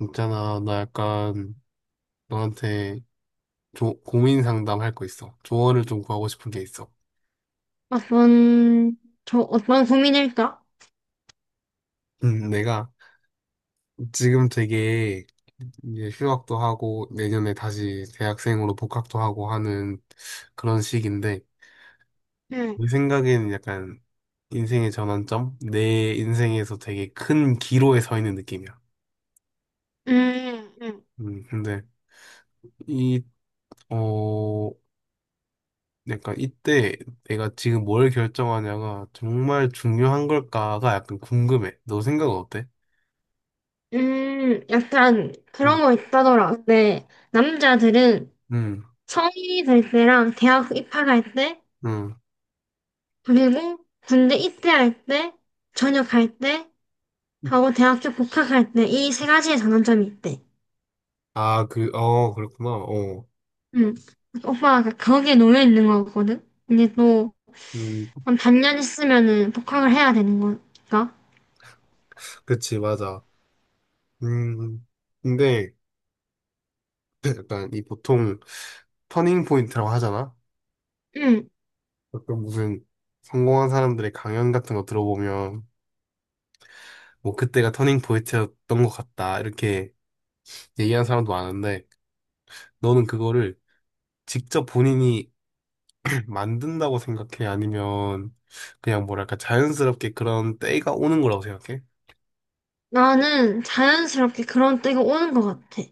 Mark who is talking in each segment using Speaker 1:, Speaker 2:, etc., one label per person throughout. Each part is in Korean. Speaker 1: 있잖아, 나 약간 너한테 고민 상담할 거 있어. 조언을 좀 구하고 싶은 게 있어.
Speaker 2: 어떤, 어떤 고민일까?
Speaker 1: 내가 지금 되게 이제 휴학도 하고 내년에 다시 대학생으로 복학도 하고 하는 그런 시기인데
Speaker 2: 응,
Speaker 1: 내 생각에는 약간 인생의 전환점? 내 인생에서 되게 큰 기로에 서 있는 느낌이야.
Speaker 2: 음, 음,
Speaker 1: 근데 이, 어, 그러니까 이때 내가 지금 뭘 결정하냐가 정말 중요한 걸까가 약간 궁금해. 너 생각은 어때?
Speaker 2: 약간
Speaker 1: 응,
Speaker 2: 그런 거 있다더라. 근데 남자들은
Speaker 1: 응,
Speaker 2: 성인이 될 때랑 대학 입학할 때,
Speaker 1: 응.
Speaker 2: 그리고 군대 입대할 때, 전역할 때, 하고 대학교 복학할 때, 이 세 가지의 전환점이 있대.
Speaker 1: 아, 그, 어, 그렇구나. 어,
Speaker 2: 응. 오빠가 거기에 놓여 있는 거거든? 근데 또,
Speaker 1: 음,
Speaker 2: 한 반년 있으면은 복학을 해야 되는 거니까.
Speaker 1: 그치, 맞아. 음, 근데 약간 이 보통 터닝 포인트라고 하잖아.
Speaker 2: 응.
Speaker 1: 어떤 무슨 성공한 사람들의 강연 같은 거 들어보면 뭐 그때가 터닝 포인트였던 것 같다 이렇게 얘기하는 사람도 많은데 너는 그거를 직접 본인이 만든다고 생각해? 아니면 그냥 뭐랄까 자연스럽게 그런 때가 오는 거라고 생각해?
Speaker 2: 나는 자연스럽게 그런 때가 오는 것 같아.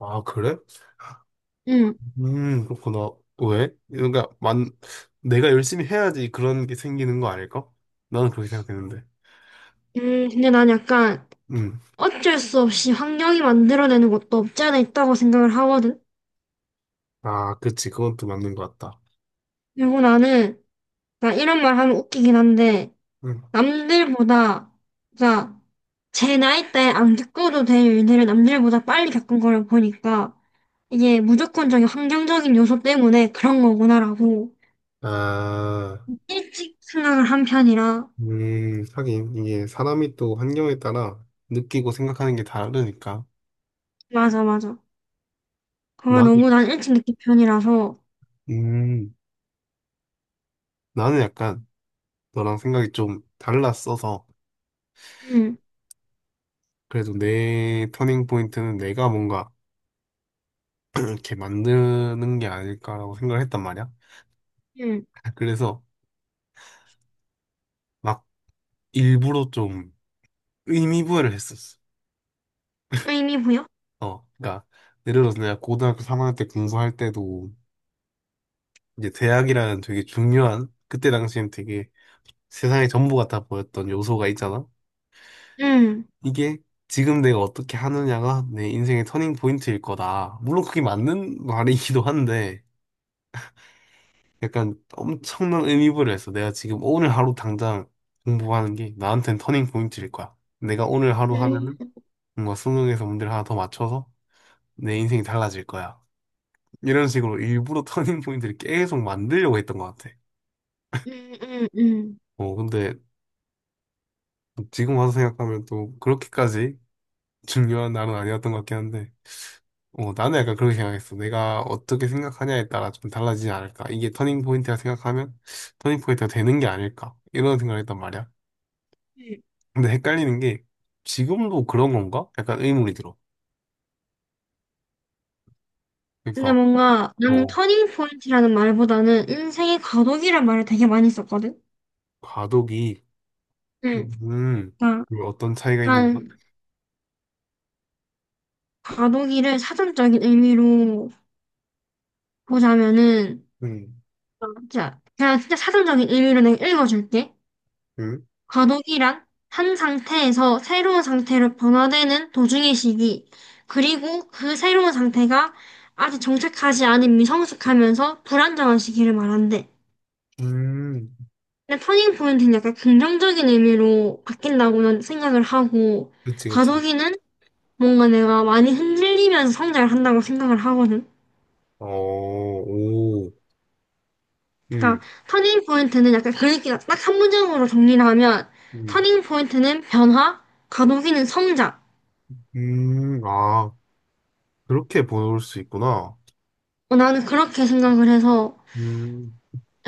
Speaker 1: 아, 그래?
Speaker 2: 응.
Speaker 1: 그렇구나. 왜? 그러니까 만 내가 열심히 해야지 그런 게 생기는 거 아닐까? 나는 그렇게 생각했는데.
Speaker 2: 근데 난 약간
Speaker 1: 음.
Speaker 2: 어쩔 수 없이 환경이 만들어내는 것도 없지 않아 있다고 생각을 하거든.
Speaker 1: 아, 그치. 그건 또 맞는 것 같다.
Speaker 2: 그리고 나는, 나 이런 말 하면 웃기긴 한데,
Speaker 1: 음.
Speaker 2: 남들보다, 그러니까 제 나이 때안 겪어도 될 일들을 남들보다 빨리 겪은 거를 보니까, 이게 무조건적인 환경적인 요소 때문에 그런 거구나라고
Speaker 1: 아,
Speaker 2: 일찍 생각을 한 편이라,
Speaker 1: 하긴 이게 사람이 또 환경에 따라 느끼고 생각하는 게 다르니까.
Speaker 2: 맞아, 맞아. 그걸
Speaker 1: 나는,
Speaker 2: 너무 난 일찍 느낀 편이라서,
Speaker 1: 음, 나는 약간 너랑 생각이 좀 달랐어서.
Speaker 2: 응,
Speaker 1: 그래도 내 터닝 포인트는 내가 뭔가 이렇게 만드는 게 아닐까라고 생각을 했단 말이야.
Speaker 2: 응.
Speaker 1: 그래서 막 일부러 좀 의미 부여를 했었어.
Speaker 2: 의미 부여?
Speaker 1: 어, 그러니까 예를 들어서 내가 고등학교 3학년 때 공부할 때도 이제 대학이라는 되게 중요한 그때 당시엔 되게 세상의 전부 같아 보였던 요소가 있잖아.
Speaker 2: 응.
Speaker 1: 이게 지금 내가 어떻게 하느냐가 내 인생의 터닝 포인트일 거다. 물론 그게 맞는 말이기도 한데. 약간 엄청난 의미부여했어. 내가 지금 오늘 하루 당장 공부하는 게 나한테는 터닝 포인트일 거야. 내가 오늘 하루 하면은
Speaker 2: 음.
Speaker 1: 뭔가 수능에서 문제를 하나 더 맞춰서 내 인생이 달라질 거야. 이런 식으로 일부러 터닝 포인트를 계속 만들려고 했던 것 같아.
Speaker 2: 음, 음, 음.
Speaker 1: 어, 근데 지금 와서 생각하면 또 그렇게까지 중요한 날은 아니었던 것 같긴 한데, 어, 나는 약간 그렇게 생각했어. 내가 어떻게 생각하냐에 따라 좀 달라지지 않을까. 이게 터닝 포인트라 생각하면 터닝 포인트가 되는 게 아닐까. 이런 생각을 했단 말이야.
Speaker 2: 음.
Speaker 1: 근데 헷갈리는 게 지금도 그런 건가? 약간 의문이 들어.
Speaker 2: 근데
Speaker 1: 그러니까
Speaker 2: 뭔가 나는
Speaker 1: 어
Speaker 2: 터닝 포인트라는 말보다는 인생의 과도기란 말을 되게 많이 썼거든.
Speaker 1: 과도기
Speaker 2: 응.
Speaker 1: 음 이거
Speaker 2: 그러니까
Speaker 1: 어떤 차이가 있는지
Speaker 2: 약간 과도기를 사전적인 의미로 보자면은
Speaker 1: 음,
Speaker 2: 자, 그냥 진짜 사전적인 의미로 내가 읽어줄게.
Speaker 1: 음,
Speaker 2: 과도기란 한 상태에서 새로운 상태로 변화되는 도중의 시기, 그리고 그 새로운 상태가 아직 정착하지 않은 미성숙하면서 불안정한 시기를 말한대.
Speaker 1: 음,
Speaker 2: 근데 터닝 포인트는 약간 긍정적인 의미로 바뀐다고는 생각을 하고,
Speaker 1: 그치, 그치.
Speaker 2: 과도기는 뭔가 내가 많이 흔들리면서 성장을 한다고 생각을 하거든.
Speaker 1: 어, 오, 음,
Speaker 2: 그러니까 터닝 포인트는 약간 그 얘기가 딱 한 문장으로 정리를 하면,
Speaker 1: 음,
Speaker 2: 터닝 포인트는 변화, 과도기는 성장.
Speaker 1: 아, 그렇게 볼 수 있구나.
Speaker 2: 어, 나는 그렇게 생각을 해서,
Speaker 1: 음,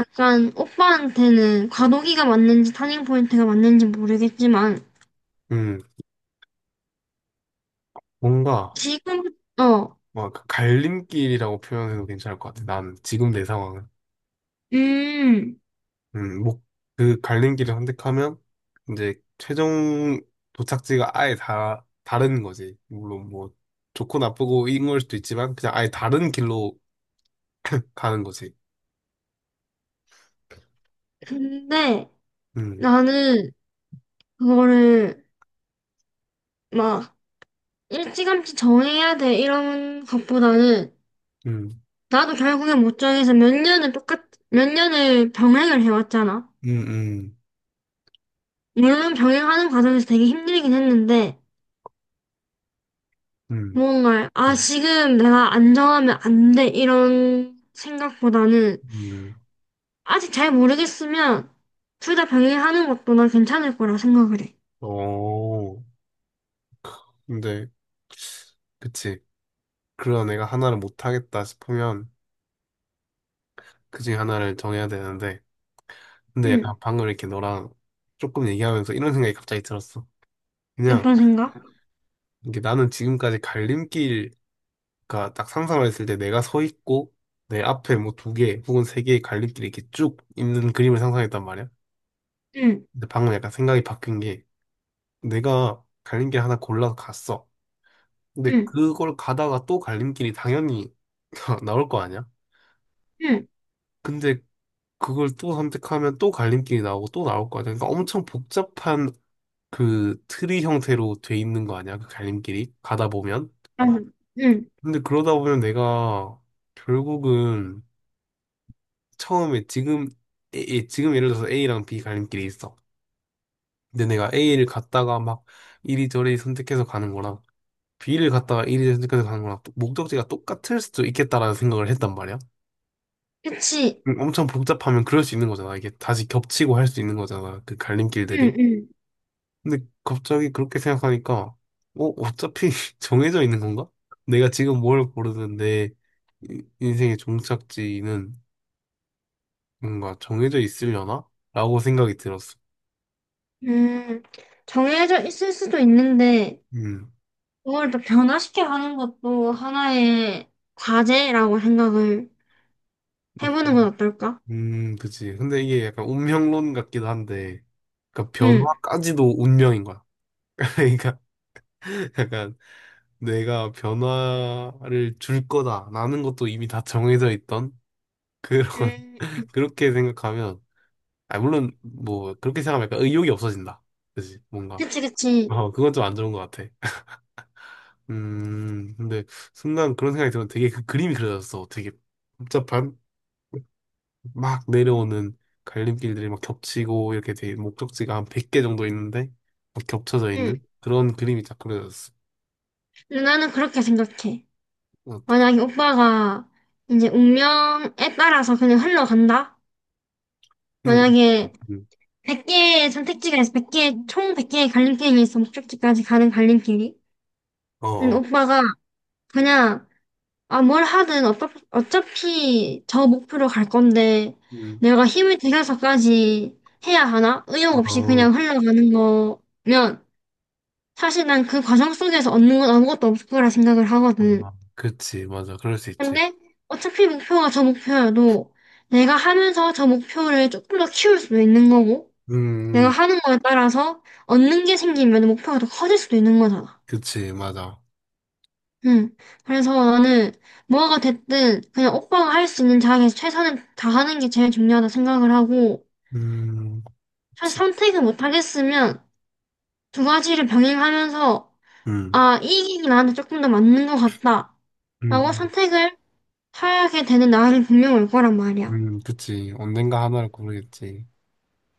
Speaker 2: 약간 오빠한테는 과도기가 맞는지 터닝 포인트가 맞는지 모르겠지만,
Speaker 1: 음, 뭔가,
Speaker 2: 지금, 어,
Speaker 1: 막, 갈림길이라고 표현해도 괜찮을 것 같아. 난, 지금 내 상황은.
Speaker 2: 음,
Speaker 1: 목, 그 갈림 길을 선택하면 이제 최종 도착지가 아예 다 다른 거지. 물론 뭐 좋고 나쁘고 이런 걸 수도 있지만 그냥 아예 다른 길로 가는 거지.
Speaker 2: 근데
Speaker 1: 음,
Speaker 2: 나는 그거를 막 일찌감치 정해야 돼 이런 것보다는
Speaker 1: 음,
Speaker 2: 나도 결국에 못 정해서 몇 년을 똑같 몇 년을 병행을 해왔잖아.
Speaker 1: 음, 음,
Speaker 2: 물론 병행하는 과정에서 되게 힘들긴 했는데
Speaker 1: 음,
Speaker 2: 뭔가 아,
Speaker 1: 음.
Speaker 2: 지금 내가 안 정하면 안 돼 이런 생각보다는
Speaker 1: 음.
Speaker 2: 아직 잘 모르겠으면 둘 다 병행하는 것도 난 괜찮을 거라 생각을 해.
Speaker 1: 어, 근데 그치. 그런 애가 하나를 못 하겠다 싶으면 그중에 하나를 정해야 되는데 근데 약간
Speaker 2: 응.
Speaker 1: 방금 이렇게 너랑 조금 얘기하면서 이런 생각이 갑자기 들었어. 그냥
Speaker 2: 어떤 생각?
Speaker 1: 이게 나는 지금까지 갈림길 그러니까 딱 상상을 했을 때 내가 서 있고 내 앞에 뭐 두 개 혹은 세 개의 갈림길이 이렇게 쭉 있는 그림을 상상했단 말이야.
Speaker 2: 응.
Speaker 1: 근데 방금 약간 생각이 바뀐 게 내가 갈림길 하나 골라서 갔어. 근데
Speaker 2: 응.
Speaker 1: 그걸 가다가 또 갈림길이 당연히 나올 거 아니야?
Speaker 2: 응.
Speaker 1: 근데 그걸 또 선택하면 또 갈림길이 나오고 또 나올 거 아니야? 그러니까 엄청 복잡한 그 트리 형태로 돼 있는 거 아니야? 그 갈림길이 가다 보면.
Speaker 2: 맞아. 응.
Speaker 1: 근데 그러다 보면 내가 결국은 처음에 지금 지금 예를 들어서 A랑 B 갈림길이 있어. 근데 내가 A를 갔다가 막 이리저리 선택해서 가는 거랑 B를 갔다가 이리저리 선택해서 가는 거랑 또 목적지가 똑같을 수도 있겠다라는 생각을 했단 말이야.
Speaker 2: 그치.
Speaker 1: 엄청 복잡하면 그럴 수 있는 거잖아. 이게 다시 겹치고 할 수 있는 거잖아. 그
Speaker 2: 응.
Speaker 1: 갈림길들이.
Speaker 2: 응.
Speaker 1: 근데 갑자기 그렇게 생각하니까 어, 어차피 정해져 있는 건가? 내가 지금 뭘 고르는데 인생의 종착지는 뭔가 정해져 있으려나? 라고 생각이 들었어.
Speaker 2: 음, 정해져 있을 수도 있는데,
Speaker 1: 음.
Speaker 2: 그걸 또 변화시켜 가는 것도 하나의 과제라고 생각을 해보는 건 어떨까?
Speaker 1: 그치. 근데 이게 약간 운명론 같기도 한데, 그러니까
Speaker 2: 응,
Speaker 1: 변화까지도 운명인 거야. 그러니까 약간 내가 변화를 줄 거다라는 것도 이미 다 정해져 있던 그런
Speaker 2: 음,
Speaker 1: 그렇게 생각하면, 아 물론 뭐 그렇게 생각하면 약간 의욕이 없어진다. 그치? 뭔가.
Speaker 2: 그치, 그치.
Speaker 1: 어, 그건 좀 안 좋은 것 같아. 근데 순간 그런 생각이 들면 되게 그 그림이 그려졌어. 되게 복잡한. 막
Speaker 2: 응,
Speaker 1: 내려오는 갈림길들이 막 겹치고 이렇게 돼 목적지가 한 100개 정도 있는데 막 겹쳐져
Speaker 2: 응.
Speaker 1: 있는 그런 그림이 딱 그려졌어.
Speaker 2: 근데 나는 그렇게 생각해.
Speaker 1: 어떻게?
Speaker 2: 만약에 오빠가 이제 운명에 따라서 그냥 흘러간다?
Speaker 1: 응, 응,
Speaker 2: 만약에
Speaker 1: 응.
Speaker 2: 100개의 선택지가 있어. 백 개총 100개의 갈림길이 있어. 목적지까지 가는 갈림길이.
Speaker 1: 어, 어,
Speaker 2: 오빠가 그냥 아, 뭘 하든 어차피 저 목표로 갈 건데
Speaker 1: 응,
Speaker 2: 내가 힘을 들여서까지 해야 하나? 의욕 없이
Speaker 1: 어,
Speaker 2: 그냥 흘러가는 거면 사실 난 그 과정 속에서 얻는 건 아무것도 없을 거라 생각을 하거든.
Speaker 1: 아, 그치, 맞아, 그럴 수 있지.
Speaker 2: 근데 어차피 목표가 저 목표여도 내가 하면서 저 목표를 조금 더 키울 수도 있는 거고 내가
Speaker 1: 음,
Speaker 2: 하는 거에 따라서 얻는 게 생기면 목표가 더 커질 수도 있는 거잖아.
Speaker 1: 그치, 맞아.
Speaker 2: 응. 그래서 나는 뭐가 됐든 그냥 오빠가 할 수 있는 자리에서 최선을 다하는 게 제일 중요하다 생각을 하고
Speaker 1: 음,
Speaker 2: 사실
Speaker 1: 그치,
Speaker 2: 선택을 못 하겠으면 두 가지를 병행하면서
Speaker 1: 응
Speaker 2: 아, 이 길이 나한테 조금 더 맞는 것 같다. 라고
Speaker 1: 음,
Speaker 2: 선택을 하게 되는 날이 분명 올 거란 말이야.
Speaker 1: 그치. 언젠가 하나를 고르겠지.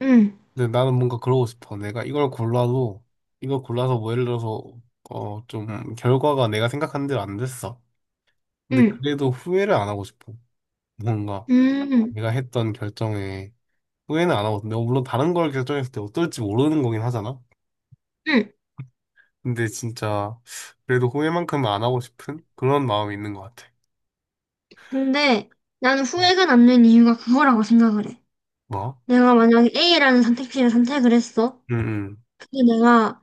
Speaker 2: 응,
Speaker 1: 근데 나는 뭔가 그러고 싶어. 내가 이걸 골라도 이걸 골라서 뭐 예를 들어서 어, 좀 결과가 내가 생각한 대로 안 됐어. 근데
Speaker 2: 응,
Speaker 1: 그래도 후회를 안 하고 싶어. 뭔가
Speaker 2: 응,
Speaker 1: 내가 했던 결정에 후회는 안 하고, 내가 물론 다른 걸 결정했을 때 어떨지 모르는 거긴 하잖아.
Speaker 2: 응.
Speaker 1: 근데 진짜 그래도 후회만큼은 안 하고 싶은 그런 마음이 있는 것 같아.
Speaker 2: 근데 나는 후회가 남는 이유가 그거라고 생각을 해.
Speaker 1: 뭐?
Speaker 2: 내가 만약에 A라는 선택지를 선택을 했어.
Speaker 1: 응,
Speaker 2: 근데 내가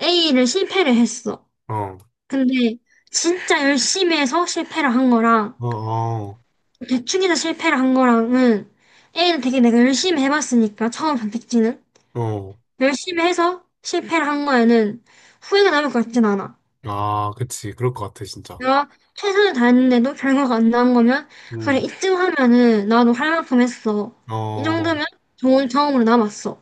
Speaker 2: A를 실패를 했어.
Speaker 1: 응. 어,
Speaker 2: 근데 진짜 열심히 해서 실패를 한 거랑
Speaker 1: 어, 어,
Speaker 2: 대충해서 실패를 한 거랑은 A는 되게 내가 열심히 해봤으니까 처음 선택지는
Speaker 1: 어.
Speaker 2: 열심히 해서 실패를 한 거에는 후회가 남을 것 같진 않아.
Speaker 1: 아, 그치. 그럴 것 같아, 진짜.
Speaker 2: 내가 최선을 다했는데도 결과가 안 나온 거면 그래,
Speaker 1: 응,
Speaker 2: 이쯤 하면은 나도 할 만큼 했어. 이
Speaker 1: 어,
Speaker 2: 정도면 좋은 경험으로 남았어.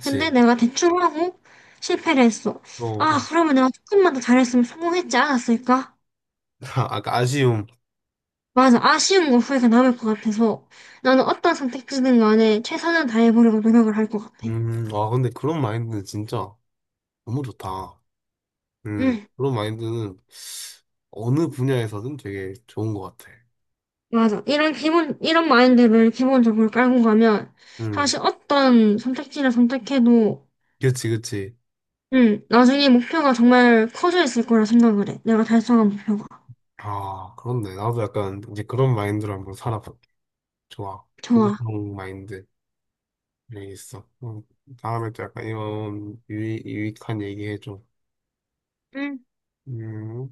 Speaker 2: 근데 내가 대충 하고 실패를 했어. 아,
Speaker 1: 어,
Speaker 2: 그러면 내가 조금만 더 잘했으면 성공했지 않았을까?
Speaker 1: 아까 아쉬움.
Speaker 2: 맞아. 아쉬운 거 후회가 남을 것 같아서 나는 어떤 선택지든 간에 최선을 다해보려고 노력을 할 것 같아.
Speaker 1: 아, 근데 그런 마인드는 진짜 너무 좋다.
Speaker 2: 응,
Speaker 1: 그런 마인드는 어느 분야에서든 되게 좋은 것 같아.
Speaker 2: 맞아. 이런 기본, 이런 마인드를 기본적으로 깔고 가면
Speaker 1: 음,
Speaker 2: 사실 어떤 선택지를 선택해도
Speaker 1: 그치, 그치.
Speaker 2: 응, 나중에 목표가 정말 커져 있을 거라 생각을 해. 내가 달성한 목표가.
Speaker 1: 아, 그렇네. 나도 약간 이제 그런 마인드로 한번 살아볼게. 좋아.
Speaker 2: 좋아.
Speaker 1: 긍정 마인드. 여기 있어. 다음에 또 약간 이런 유익, 유익한 얘기 해줘.
Speaker 2: 응.
Speaker 1: 음.